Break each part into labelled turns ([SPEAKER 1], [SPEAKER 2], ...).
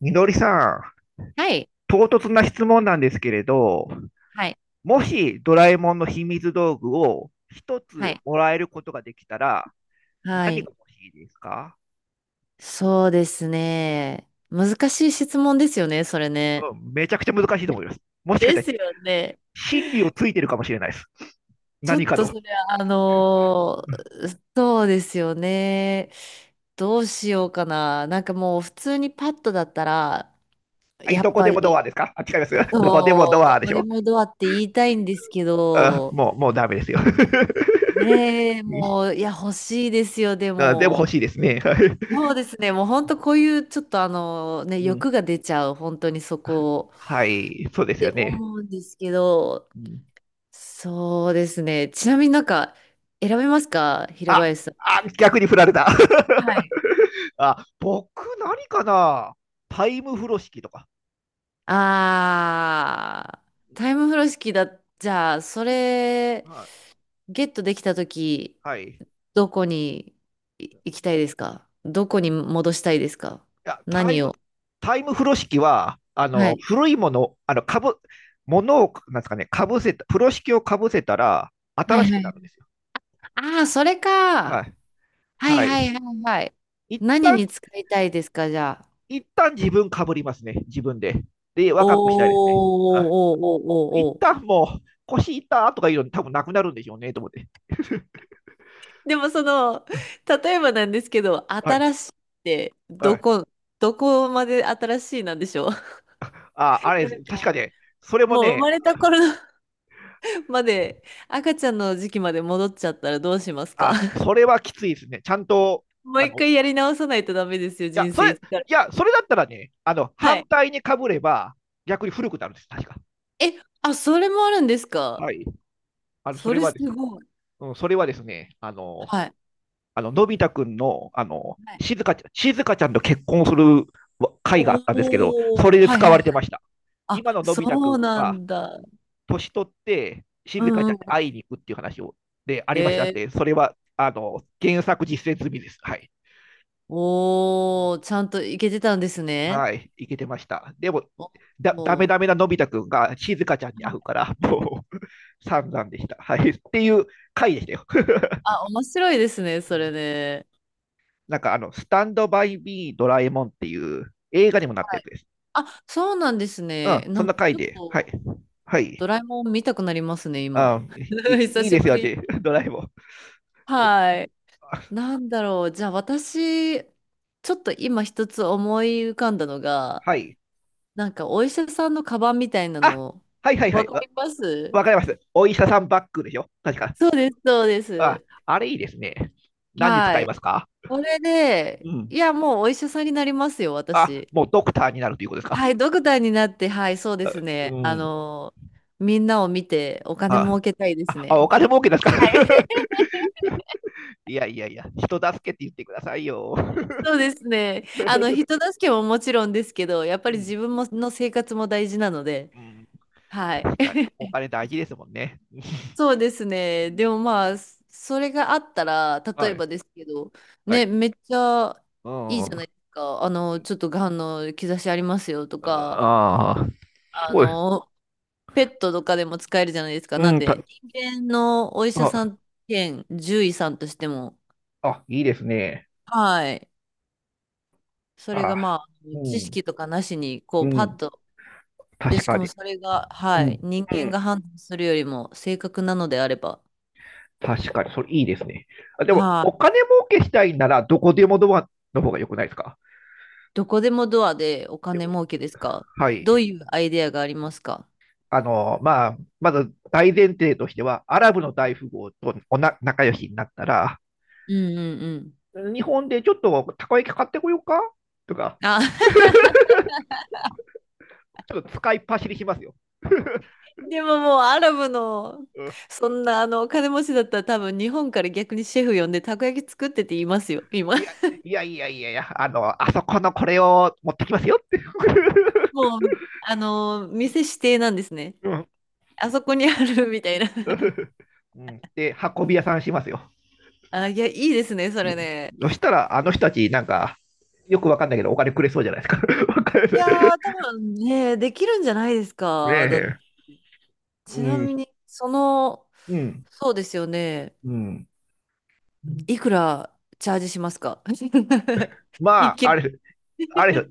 [SPEAKER 1] みのりさん、
[SPEAKER 2] はい。
[SPEAKER 1] 唐突な質問なんですけれど、
[SPEAKER 2] はい。
[SPEAKER 1] もしドラえもんの秘密道具を一
[SPEAKER 2] は
[SPEAKER 1] つ
[SPEAKER 2] い。
[SPEAKER 1] もらえることができたら、
[SPEAKER 2] は
[SPEAKER 1] 何
[SPEAKER 2] い。
[SPEAKER 1] が欲しいですか？
[SPEAKER 2] そうですね。難しい質問ですよね、それね。
[SPEAKER 1] うん、めちゃくちゃ難しいと思います。もしかし
[SPEAKER 2] で
[SPEAKER 1] たら、
[SPEAKER 2] すよね。
[SPEAKER 1] 真理をついてるかもしれないです。
[SPEAKER 2] ちょ
[SPEAKER 1] 何
[SPEAKER 2] っ
[SPEAKER 1] か
[SPEAKER 2] と
[SPEAKER 1] の。
[SPEAKER 2] それは、
[SPEAKER 1] うん。
[SPEAKER 2] そうですよね。どうしようかな。なんかもう普通にパッとだったら、
[SPEAKER 1] はい、
[SPEAKER 2] や
[SPEAKER 1] ど
[SPEAKER 2] っ
[SPEAKER 1] こ
[SPEAKER 2] ぱ
[SPEAKER 1] でもドア
[SPEAKER 2] り、
[SPEAKER 1] ですかあ、違います。どこでも
[SPEAKER 2] そう、
[SPEAKER 1] ド
[SPEAKER 2] ど
[SPEAKER 1] アで
[SPEAKER 2] こ
[SPEAKER 1] し
[SPEAKER 2] で
[SPEAKER 1] ょ？
[SPEAKER 2] もドアって言いたいんですけ
[SPEAKER 1] あ、
[SPEAKER 2] ど、
[SPEAKER 1] もう、もうダメですよ。
[SPEAKER 2] ねえ、
[SPEAKER 1] うん。
[SPEAKER 2] もう、いや、欲しいですよ、で
[SPEAKER 1] あでも
[SPEAKER 2] も。
[SPEAKER 1] 欲しいですね。はい。
[SPEAKER 2] そうですね。もう本当こういうちょっと
[SPEAKER 1] うん、
[SPEAKER 2] 欲が出ちゃう、本当にそこを
[SPEAKER 1] はい、そうで
[SPEAKER 2] っ
[SPEAKER 1] す
[SPEAKER 2] て
[SPEAKER 1] よね。
[SPEAKER 2] 思うんですけど、
[SPEAKER 1] うん。
[SPEAKER 2] そうですね。ちなみになんか選べますか、平
[SPEAKER 1] あ、
[SPEAKER 2] 林さん。
[SPEAKER 1] あ、逆に振られた。
[SPEAKER 2] は い。
[SPEAKER 1] あ、僕、何かな、タイム風呂敷とか。
[SPEAKER 2] あー、タイム風呂敷だ。じゃあ、それ
[SPEAKER 1] はい。
[SPEAKER 2] ゲットできたとき、
[SPEAKER 1] はい。い
[SPEAKER 2] どこに行きたいですか？どこに戻したいですか？
[SPEAKER 1] や、タイ
[SPEAKER 2] 何
[SPEAKER 1] ム、
[SPEAKER 2] を。
[SPEAKER 1] タイム風呂敷は、
[SPEAKER 2] はい。
[SPEAKER 1] 古いもの、かぶ、ものを、なんですかね、かぶせた、風呂敷をかぶせたら、
[SPEAKER 2] は
[SPEAKER 1] 新
[SPEAKER 2] い
[SPEAKER 1] し
[SPEAKER 2] は
[SPEAKER 1] くな
[SPEAKER 2] い。
[SPEAKER 1] るんですよ。
[SPEAKER 2] あー、それ
[SPEAKER 1] は
[SPEAKER 2] か。
[SPEAKER 1] い。
[SPEAKER 2] はい
[SPEAKER 1] はい。
[SPEAKER 2] はいはいはい。
[SPEAKER 1] 一
[SPEAKER 2] 何
[SPEAKER 1] 旦、
[SPEAKER 2] に使いたいですか、じゃあ。
[SPEAKER 1] 一旦自分かぶりますね。自分で。で、若くしたいです
[SPEAKER 2] お
[SPEAKER 1] ね。
[SPEAKER 2] ー
[SPEAKER 1] は
[SPEAKER 2] おーおーお
[SPEAKER 1] い。一
[SPEAKER 2] ーおーお。
[SPEAKER 1] 旦もう、腰痛とかいうの多分なくなるんでしょうね、と思って。
[SPEAKER 2] でもその、例えばなんですけど、
[SPEAKER 1] はい。
[SPEAKER 2] 新しいって
[SPEAKER 1] は
[SPEAKER 2] ど
[SPEAKER 1] い。
[SPEAKER 2] こ、どこまで新しいなんでしょう？
[SPEAKER 1] あ、あれ
[SPEAKER 2] なん
[SPEAKER 1] です、確か
[SPEAKER 2] か、
[SPEAKER 1] ね、それも
[SPEAKER 2] もう生
[SPEAKER 1] ね、
[SPEAKER 2] まれた頃の まで、赤ちゃんの時期まで戻っちゃったらどうしますか？
[SPEAKER 1] あ、それはきついですね。ちゃんと、
[SPEAKER 2] もう一
[SPEAKER 1] い
[SPEAKER 2] 回やり直さないとダメですよ、
[SPEAKER 1] や、
[SPEAKER 2] 人
[SPEAKER 1] そ
[SPEAKER 2] 生
[SPEAKER 1] れ、い
[SPEAKER 2] 一から。
[SPEAKER 1] や、それだったらね、
[SPEAKER 2] は
[SPEAKER 1] 反
[SPEAKER 2] い。
[SPEAKER 1] 対にかぶれば、逆に古くなるんです、確か。
[SPEAKER 2] え、あ、それもあるんですか？
[SPEAKER 1] はい。あの、そ
[SPEAKER 2] そ
[SPEAKER 1] れ
[SPEAKER 2] れ
[SPEAKER 1] は
[SPEAKER 2] す
[SPEAKER 1] です、
[SPEAKER 2] ごい。
[SPEAKER 1] うん、それはですね、あの、
[SPEAKER 2] はい。
[SPEAKER 1] あの、のび太くんの、
[SPEAKER 2] はい。
[SPEAKER 1] しずかちゃん、しずかちゃんと結婚する回があったんですけど、そ
[SPEAKER 2] お
[SPEAKER 1] れ
[SPEAKER 2] ー、
[SPEAKER 1] で
[SPEAKER 2] はい
[SPEAKER 1] 使
[SPEAKER 2] は
[SPEAKER 1] わ
[SPEAKER 2] い、おお、はい
[SPEAKER 1] れて
[SPEAKER 2] はい。
[SPEAKER 1] ました。
[SPEAKER 2] あ、
[SPEAKER 1] 今ののび太く
[SPEAKER 2] そう
[SPEAKER 1] ん
[SPEAKER 2] な
[SPEAKER 1] が、
[SPEAKER 2] んだ。
[SPEAKER 1] 年取って、し
[SPEAKER 2] う
[SPEAKER 1] ずか
[SPEAKER 2] ん
[SPEAKER 1] ちゃ
[SPEAKER 2] う
[SPEAKER 1] ん
[SPEAKER 2] ん。
[SPEAKER 1] に会いに行くっていう話を、で、ありました
[SPEAKER 2] へ
[SPEAKER 1] っ
[SPEAKER 2] え。
[SPEAKER 1] て、それは、あの、原作実践済みです。はい。
[SPEAKER 2] おー、ちゃんと行けてたんですね。
[SPEAKER 1] はい、いけてました。でも、
[SPEAKER 2] お
[SPEAKER 1] だ、ダメ
[SPEAKER 2] お。
[SPEAKER 1] ダメなのび太くんが静香ちゃんに会うから、もう、散々でした。はい。っていう回でしたよ。
[SPEAKER 2] あ、面白いですね、
[SPEAKER 1] う
[SPEAKER 2] それ
[SPEAKER 1] ん。
[SPEAKER 2] ね。
[SPEAKER 1] スタンドバイビードラえもんっていう映画にもなった
[SPEAKER 2] は
[SPEAKER 1] やつ
[SPEAKER 2] い。
[SPEAKER 1] です。
[SPEAKER 2] あ、そうなんです
[SPEAKER 1] うん、
[SPEAKER 2] ね。
[SPEAKER 1] そ
[SPEAKER 2] な
[SPEAKER 1] ん
[SPEAKER 2] んか、
[SPEAKER 1] な
[SPEAKER 2] ち
[SPEAKER 1] 回
[SPEAKER 2] ょっ
[SPEAKER 1] で、はい。
[SPEAKER 2] と、
[SPEAKER 1] は
[SPEAKER 2] ド
[SPEAKER 1] い。
[SPEAKER 2] ラえもん見たくなりますね、今。
[SPEAKER 1] あ、い、い
[SPEAKER 2] 久
[SPEAKER 1] い
[SPEAKER 2] し
[SPEAKER 1] です
[SPEAKER 2] ぶ
[SPEAKER 1] よ
[SPEAKER 2] りに。
[SPEAKER 1] ね、ドラえもん。え。
[SPEAKER 2] はい。
[SPEAKER 1] あ。
[SPEAKER 2] なんだろう。じゃあ、私、ちょっと今一つ思い浮かんだのが、
[SPEAKER 1] はい。
[SPEAKER 2] なんか、お医者さんのカバンみたいな
[SPEAKER 1] あ、
[SPEAKER 2] の、
[SPEAKER 1] はいはいは
[SPEAKER 2] わ
[SPEAKER 1] い。
[SPEAKER 2] か
[SPEAKER 1] わ、
[SPEAKER 2] ります？
[SPEAKER 1] わかります。お医者さんバッグでしょ確か。
[SPEAKER 2] そうです、そうで
[SPEAKER 1] あ、
[SPEAKER 2] す。
[SPEAKER 1] あれいいですね。何に
[SPEAKER 2] は
[SPEAKER 1] 使い
[SPEAKER 2] い。
[SPEAKER 1] ますか？
[SPEAKER 2] これ
[SPEAKER 1] う
[SPEAKER 2] で、
[SPEAKER 1] ん。
[SPEAKER 2] いや、もうお医者さんになりますよ、
[SPEAKER 1] あ、
[SPEAKER 2] 私。
[SPEAKER 1] もうドクターになるということですか？
[SPEAKER 2] はい、ドクターになって、はい、そうです
[SPEAKER 1] う
[SPEAKER 2] ね。
[SPEAKER 1] ん。
[SPEAKER 2] みんなを見てお金
[SPEAKER 1] あ、
[SPEAKER 2] 儲けたいです
[SPEAKER 1] あ、あお
[SPEAKER 2] ね。
[SPEAKER 1] 金儲けですか？
[SPEAKER 2] はい。
[SPEAKER 1] いやいやいや、人助けって言ってくださいよ。
[SPEAKER 2] そうですね。人助けももちろんですけど、やっぱ
[SPEAKER 1] う
[SPEAKER 2] り
[SPEAKER 1] ん、
[SPEAKER 2] 自分もの生活も大事なので、
[SPEAKER 1] うん。
[SPEAKER 2] はい。
[SPEAKER 1] 確かに、お金大事ですもんね。
[SPEAKER 2] そうです
[SPEAKER 1] う
[SPEAKER 2] ね。で
[SPEAKER 1] ん、
[SPEAKER 2] もまあ、それがあったら、例
[SPEAKER 1] は
[SPEAKER 2] え
[SPEAKER 1] い、
[SPEAKER 2] ばですけど、
[SPEAKER 1] は
[SPEAKER 2] ね、
[SPEAKER 1] い。
[SPEAKER 2] めっちゃ
[SPEAKER 1] う
[SPEAKER 2] いいじ
[SPEAKER 1] ん。
[SPEAKER 2] ゃないですか。あの、ちょっとがんの兆しありますよとか、
[SPEAKER 1] ああ、
[SPEAKER 2] あ
[SPEAKER 1] そうです。
[SPEAKER 2] の、ペットとかでも使えるじゃないですか。な
[SPEAKER 1] う
[SPEAKER 2] ん
[SPEAKER 1] ん、た、
[SPEAKER 2] で、人間のお医者さ
[SPEAKER 1] あ、
[SPEAKER 2] ん兼獣医さんとしても、
[SPEAKER 1] あ、いいですね。
[SPEAKER 2] はい。それ
[SPEAKER 1] あ、
[SPEAKER 2] がまあ、
[SPEAKER 1] う
[SPEAKER 2] 知
[SPEAKER 1] ん、
[SPEAKER 2] 識とかなしに、こ
[SPEAKER 1] う
[SPEAKER 2] う、パッ
[SPEAKER 1] ん。
[SPEAKER 2] と、で、
[SPEAKER 1] 確
[SPEAKER 2] し
[SPEAKER 1] か
[SPEAKER 2] かも
[SPEAKER 1] に。
[SPEAKER 2] それが、
[SPEAKER 1] う
[SPEAKER 2] は
[SPEAKER 1] ん、
[SPEAKER 2] い、人
[SPEAKER 1] う
[SPEAKER 2] 間が
[SPEAKER 1] ん。
[SPEAKER 2] 判断するよりも正確なのであれば、
[SPEAKER 1] 確かに、それいいですね。あ、でも、
[SPEAKER 2] は
[SPEAKER 1] お
[SPEAKER 2] い。
[SPEAKER 1] 金儲けしたいなら、どこでもドアの方が良くないですか？
[SPEAKER 2] どこでもドアでお金儲けですか？
[SPEAKER 1] は
[SPEAKER 2] どう
[SPEAKER 1] い。
[SPEAKER 2] いうアイデアがありますか？
[SPEAKER 1] まず大前提としては、アラブの大富豪とおな仲良しになったら、
[SPEAKER 2] うんうんうん。
[SPEAKER 1] 日本でちょっとたこ焼き買ってこようかとか、
[SPEAKER 2] あ、
[SPEAKER 1] ちょっと使いっ走りしますよ。
[SPEAKER 2] でももうアラブの、
[SPEAKER 1] うん。
[SPEAKER 2] そんなあのお金持ちだったら多分日本から逆にシェフ呼んでたこ焼き作ってって言いますよ、今。
[SPEAKER 1] いや、いやいやいやいや、あの、あそこのこれを持ってきますよって。
[SPEAKER 2] もう、店指定なんですね。
[SPEAKER 1] うん。
[SPEAKER 2] あそこにあるみたいな。
[SPEAKER 1] うんで、運び屋さんしますよ。
[SPEAKER 2] あ、いや、いいですね、そ
[SPEAKER 1] う
[SPEAKER 2] れ
[SPEAKER 1] ん、
[SPEAKER 2] ね。
[SPEAKER 1] そしたら、あの人たち、なんか、よくわかんないけど、お金くれそうじゃないですか。わ かんな
[SPEAKER 2] いや
[SPEAKER 1] い。
[SPEAKER 2] ー、多分ね、できるんじゃないです
[SPEAKER 1] ね
[SPEAKER 2] か。
[SPEAKER 1] え。う
[SPEAKER 2] ちなみ
[SPEAKER 1] ん、
[SPEAKER 2] に、その、
[SPEAKER 1] うん、
[SPEAKER 2] そうですよね。
[SPEAKER 1] うん。
[SPEAKER 2] いくらチャージしますか？
[SPEAKER 1] ま
[SPEAKER 2] 一
[SPEAKER 1] あ、あ
[SPEAKER 2] 件。
[SPEAKER 1] れ、あれ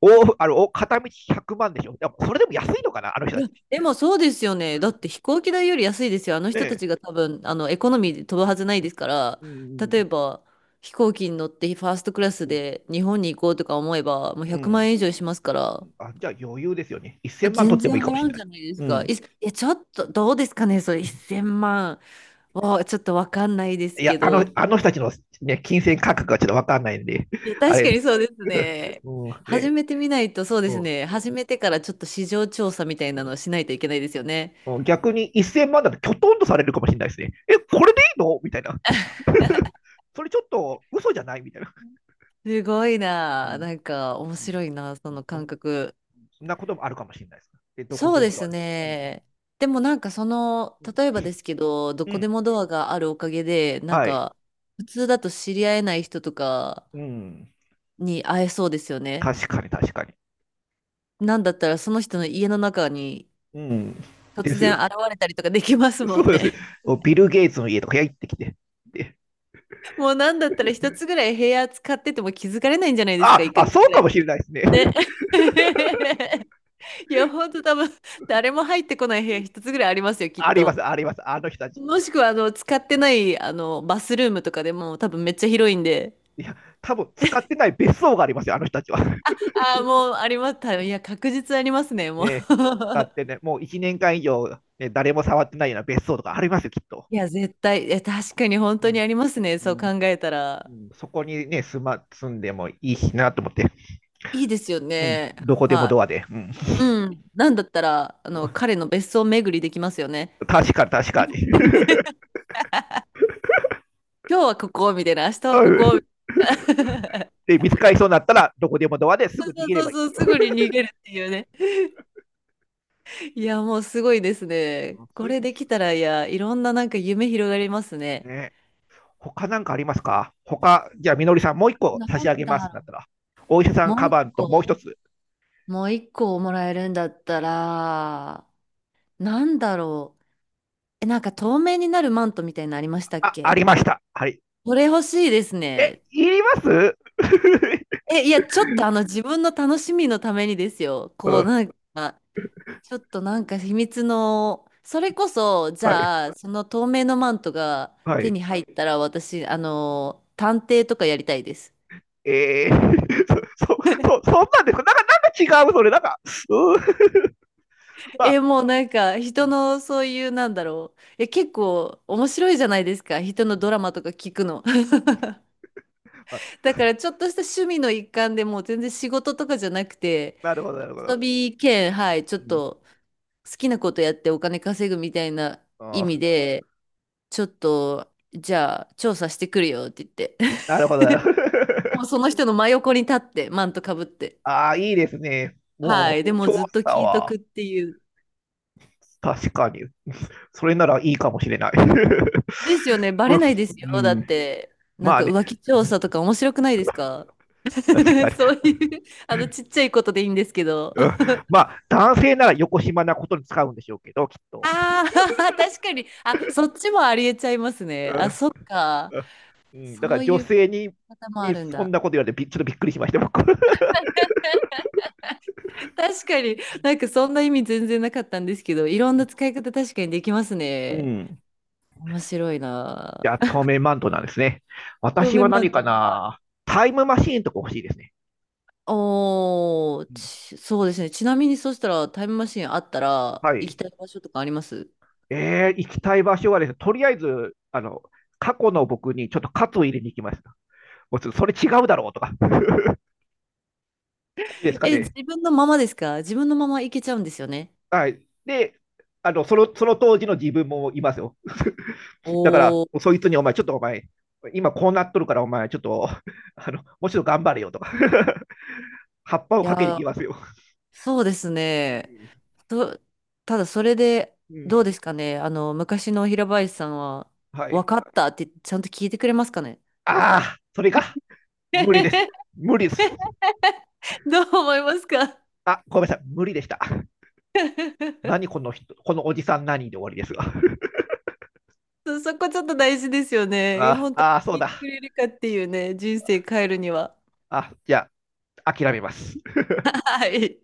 [SPEAKER 1] お、あの、お片道100万でしょ。でもそれでも安いのかな、あの人
[SPEAKER 2] い
[SPEAKER 1] た
[SPEAKER 2] や、
[SPEAKER 1] ち。
[SPEAKER 2] でもそうですよね。だって飛行機代より安いですよ。あの
[SPEAKER 1] ね
[SPEAKER 2] 人た
[SPEAKER 1] え。
[SPEAKER 2] ちが多分、エコノミーで飛ぶはずないですから、
[SPEAKER 1] う
[SPEAKER 2] 例え
[SPEAKER 1] ん
[SPEAKER 2] ば飛行機に乗ってファーストクラス
[SPEAKER 1] うん
[SPEAKER 2] で日本に行こうとか思えば、もう
[SPEAKER 1] う
[SPEAKER 2] 100万
[SPEAKER 1] ん。
[SPEAKER 2] 円以上しますから、
[SPEAKER 1] あ、じゃあ余裕ですよね。
[SPEAKER 2] あ
[SPEAKER 1] 1000万取
[SPEAKER 2] 全
[SPEAKER 1] っても
[SPEAKER 2] 然
[SPEAKER 1] いいかも
[SPEAKER 2] 払
[SPEAKER 1] し
[SPEAKER 2] う
[SPEAKER 1] れ
[SPEAKER 2] ん
[SPEAKER 1] な
[SPEAKER 2] じ
[SPEAKER 1] い。
[SPEAKER 2] ゃないです
[SPEAKER 1] う
[SPEAKER 2] か。
[SPEAKER 1] ん。
[SPEAKER 2] いや、ちょっとどうですかね、それ1,000万はちょっとわかんないです
[SPEAKER 1] いや、
[SPEAKER 2] け
[SPEAKER 1] あの、
[SPEAKER 2] ど。
[SPEAKER 1] あの人たちの、ね、金銭価格がちょっとわかんないんで、
[SPEAKER 2] いや、
[SPEAKER 1] あ
[SPEAKER 2] 確
[SPEAKER 1] れ、
[SPEAKER 2] かにそうです ね。
[SPEAKER 1] うん。
[SPEAKER 2] 始
[SPEAKER 1] ね、
[SPEAKER 2] めてみないと、そうです
[SPEAKER 1] うん。
[SPEAKER 2] ね。始めてからちょっと市場調査みたいなのをしないといけないですよね。
[SPEAKER 1] うん、逆に1000万だときょとんとされるかもしれないですね。え、これでいいのみたいな。それちょっと嘘じゃないみたいな。
[SPEAKER 2] すごい
[SPEAKER 1] う
[SPEAKER 2] な。
[SPEAKER 1] ん。
[SPEAKER 2] なんか面白いな、その
[SPEAKER 1] そ
[SPEAKER 2] 感
[SPEAKER 1] ん
[SPEAKER 2] 覚。
[SPEAKER 1] そんなこともあるかもしれないです。で、どこ
[SPEAKER 2] そう
[SPEAKER 1] で
[SPEAKER 2] で
[SPEAKER 1] もとは
[SPEAKER 2] す
[SPEAKER 1] ね。うん。
[SPEAKER 2] ね。でもなんかその、
[SPEAKER 1] う
[SPEAKER 2] 例え
[SPEAKER 1] ん。
[SPEAKER 2] ばですけど、ど
[SPEAKER 1] う
[SPEAKER 2] こ
[SPEAKER 1] ん。
[SPEAKER 2] でもドアがあるおかげで、なん
[SPEAKER 1] はい。
[SPEAKER 2] か普通だと知り合えない人とか
[SPEAKER 1] うん。
[SPEAKER 2] に会えそうですよね。
[SPEAKER 1] 確かに、確かに。
[SPEAKER 2] なんだったらその人の家の中に
[SPEAKER 1] うん。で
[SPEAKER 2] 突
[SPEAKER 1] す
[SPEAKER 2] 然
[SPEAKER 1] よ。
[SPEAKER 2] 現れたりとかできます も
[SPEAKER 1] そう
[SPEAKER 2] ん
[SPEAKER 1] ですね。
[SPEAKER 2] ね。
[SPEAKER 1] ビル・ゲイツの家とか行ってきて。で、
[SPEAKER 2] もうなんだったら一つぐらい部屋使ってても気づかれないんじゃないですか、
[SPEAKER 1] あ、
[SPEAKER 2] 一ヶ
[SPEAKER 1] あ、
[SPEAKER 2] 月
[SPEAKER 1] そう
[SPEAKER 2] ぐら
[SPEAKER 1] か
[SPEAKER 2] い。
[SPEAKER 1] もしれないですね。
[SPEAKER 2] ね。いや、ほんと多分誰も入ってこない部屋一つぐらいありますよ、きっ
[SPEAKER 1] ありま
[SPEAKER 2] と。
[SPEAKER 1] す、あります。あの人たち。
[SPEAKER 2] もしくは、使ってない、バスルームとかでも多分めっちゃ広いんで。
[SPEAKER 1] いや、多分使ってない別荘がありますよ、あの人たちは。
[SPEAKER 2] ああ、もうあります。いや、確実ありますね、もう。
[SPEAKER 1] ね、使って ね、もう1年間以上、ね、誰も触ってないような別荘とかありますよ、きっと。
[SPEAKER 2] いや、絶対、いや、確かに本
[SPEAKER 1] う
[SPEAKER 2] 当に
[SPEAKER 1] ん。
[SPEAKER 2] ありますね、そ
[SPEAKER 1] う
[SPEAKER 2] う考
[SPEAKER 1] ん。
[SPEAKER 2] えた
[SPEAKER 1] う
[SPEAKER 2] ら。
[SPEAKER 1] ん。そこにね、住ま、住んでもいいしなと思って。
[SPEAKER 2] いいですよ
[SPEAKER 1] うん。
[SPEAKER 2] ね。
[SPEAKER 1] どこでも
[SPEAKER 2] はい。
[SPEAKER 1] ドアで。うん、
[SPEAKER 2] うん。なんだったら、彼 の別荘巡りできますよね。
[SPEAKER 1] 確かに、確かに。
[SPEAKER 2] 今日はここ、みたいな、明日は
[SPEAKER 1] う
[SPEAKER 2] ここ、み
[SPEAKER 1] ん
[SPEAKER 2] たいな。
[SPEAKER 1] で、見つかりそうになったら、どこでもドアです
[SPEAKER 2] そ
[SPEAKER 1] ぐ逃
[SPEAKER 2] う
[SPEAKER 1] げれ
[SPEAKER 2] そう
[SPEAKER 1] ばい
[SPEAKER 2] そう、
[SPEAKER 1] い。
[SPEAKER 2] すぐに逃げるっていうね。いや、もうすごいですね。
[SPEAKER 1] うん、そ
[SPEAKER 2] こ
[SPEAKER 1] ういう、
[SPEAKER 2] れできたら、いや、いろんななんか夢広がりますね。
[SPEAKER 1] ね、他なんかありますか？他、じゃあ、みのりさん、もう一個
[SPEAKER 2] な
[SPEAKER 1] 差し上
[SPEAKER 2] ん
[SPEAKER 1] げま
[SPEAKER 2] だ
[SPEAKER 1] すだっ
[SPEAKER 2] ろ
[SPEAKER 1] たら、お医者さ
[SPEAKER 2] う。
[SPEAKER 1] んカバンともう一つ、
[SPEAKER 2] もう一個もらえるんだったら、なんだろう。え、なんか透明になるマントみたいなのありましたっ
[SPEAKER 1] あ、あ
[SPEAKER 2] け？
[SPEAKER 1] りました。はい。
[SPEAKER 2] これ欲しいです
[SPEAKER 1] え、
[SPEAKER 2] ね。
[SPEAKER 1] いります？
[SPEAKER 2] え、いや、ちょっとあの自分の楽しみのためにですよ。
[SPEAKER 1] う
[SPEAKER 2] こう、
[SPEAKER 1] ん、
[SPEAKER 2] なんか、ちょっとなんか秘密の、それこそ、じ
[SPEAKER 1] はい、
[SPEAKER 2] ゃあ、その透明のマントが
[SPEAKER 1] は
[SPEAKER 2] 手
[SPEAKER 1] い。
[SPEAKER 2] に入ったら、私、探偵とかやりたいです。
[SPEAKER 1] えー、そ、そ、そ、そんなんですか？なんか、なんか違う、それ、なんか、うん、まあ、
[SPEAKER 2] え、もうなんか人のそういうなんだろう。え、結構面白いじゃないですか。人のドラマとか聞くの。
[SPEAKER 1] まあ、
[SPEAKER 2] だからちょっとした趣味の一環でもう全然仕事とかじゃなくて、
[SPEAKER 1] なるほど、なるほど。
[SPEAKER 2] 遊び兼、はい、ちょっ
[SPEAKER 1] うん。
[SPEAKER 2] と好きなことやってお金稼ぐみたいな
[SPEAKER 1] あ
[SPEAKER 2] 意
[SPEAKER 1] ー、
[SPEAKER 2] 味で、ちょっとじゃあ調査してくるよって言って。
[SPEAKER 1] な るほど、なるほ
[SPEAKER 2] もう
[SPEAKER 1] ど。
[SPEAKER 2] その人の真横に立って、マントかぶって。
[SPEAKER 1] ああ、いいですね。
[SPEAKER 2] は
[SPEAKER 1] も
[SPEAKER 2] い。
[SPEAKER 1] う、
[SPEAKER 2] でも
[SPEAKER 1] 調
[SPEAKER 2] ずっと
[SPEAKER 1] 査
[SPEAKER 2] 聞いと
[SPEAKER 1] は。
[SPEAKER 2] くっていう。
[SPEAKER 1] 確かに。それならいいかもしれない。
[SPEAKER 2] ですよね。バ
[SPEAKER 1] う
[SPEAKER 2] レ
[SPEAKER 1] ん、
[SPEAKER 2] ないです
[SPEAKER 1] う
[SPEAKER 2] よ。だっ
[SPEAKER 1] ん。
[SPEAKER 2] て、なん
[SPEAKER 1] まあ
[SPEAKER 2] か
[SPEAKER 1] ね、
[SPEAKER 2] 浮気調査とか面白くないですか？
[SPEAKER 1] 確かに。
[SPEAKER 2] そういう、ちっちゃいことでいいんですけど。
[SPEAKER 1] うん。まあ、男性なら横島なことに使うんでしょうけど、きっ と。
[SPEAKER 2] ああ、確かに。あ、そっちもありえちゃいます
[SPEAKER 1] う
[SPEAKER 2] ね。あ、そっ
[SPEAKER 1] ん。
[SPEAKER 2] か。
[SPEAKER 1] うん、だか
[SPEAKER 2] そ
[SPEAKER 1] ら
[SPEAKER 2] う
[SPEAKER 1] 女
[SPEAKER 2] いう
[SPEAKER 1] 性に
[SPEAKER 2] 方もあ
[SPEAKER 1] に
[SPEAKER 2] るん
[SPEAKER 1] そん
[SPEAKER 2] だ。
[SPEAKER 1] なこと言われてび、ちょっとびっくりしました、僕。
[SPEAKER 2] 確かに、なんかそんな意味全然なかったんですけど、いろんな使い方確かにできます
[SPEAKER 1] う
[SPEAKER 2] ね。
[SPEAKER 1] ん。
[SPEAKER 2] 面白いな。
[SPEAKER 1] じゃあ、透明マントなんですね。
[SPEAKER 2] そう
[SPEAKER 1] 私
[SPEAKER 2] マ
[SPEAKER 1] は
[SPEAKER 2] シン
[SPEAKER 1] 何
[SPEAKER 2] ト。
[SPEAKER 1] か
[SPEAKER 2] はい。
[SPEAKER 1] な、タイムマシーンとか欲しいですね。
[SPEAKER 2] おー、
[SPEAKER 1] うん。
[SPEAKER 2] ちそうですね。ちなみにそしたらタイムマシンあったら
[SPEAKER 1] は
[SPEAKER 2] 行き
[SPEAKER 1] い。
[SPEAKER 2] たい場所とかあります？
[SPEAKER 1] えー、行きたい場所はですね、とりあえず、あの、過去の僕にちょっと喝を入れに行きました。もうちょっとそれ違うだろうとか。ダメですか
[SPEAKER 2] え、自
[SPEAKER 1] ね。
[SPEAKER 2] 分のままですか？自分のままいけちゃうんですよね。
[SPEAKER 1] はい。で、あの、その、その当時の自分もいますよ。だから、
[SPEAKER 2] おー、
[SPEAKER 1] そいつにお前、ちょっとお前、今こうなっとるからお前、ちょっと、あの、もうちょっと頑張れよとか 葉っぱを
[SPEAKER 2] いや
[SPEAKER 1] かけに行き
[SPEAKER 2] ー、
[SPEAKER 1] ますよ。
[SPEAKER 2] そうですね。
[SPEAKER 1] う
[SPEAKER 2] と、ただそれで、
[SPEAKER 1] ん、う
[SPEAKER 2] どう
[SPEAKER 1] ん。
[SPEAKER 2] ですかね。昔の平林さんは、
[SPEAKER 1] は
[SPEAKER 2] 分
[SPEAKER 1] い。
[SPEAKER 2] かったってちゃんと聞いてくれますかね。
[SPEAKER 1] ああ、それか。無理です。無理です。
[SPEAKER 2] どう思いますか？
[SPEAKER 1] あ、ごめんなさい。無理でした。何 この人、このおじさん何で終わりですが。
[SPEAKER 2] そこちょっと大事ですよ ね。
[SPEAKER 1] あ
[SPEAKER 2] 本当
[SPEAKER 1] あ、そう
[SPEAKER 2] に聞いてく
[SPEAKER 1] だ。
[SPEAKER 2] れるかっていうね、人生変えるには。
[SPEAKER 1] あ、じゃあ、諦めます。
[SPEAKER 2] はい。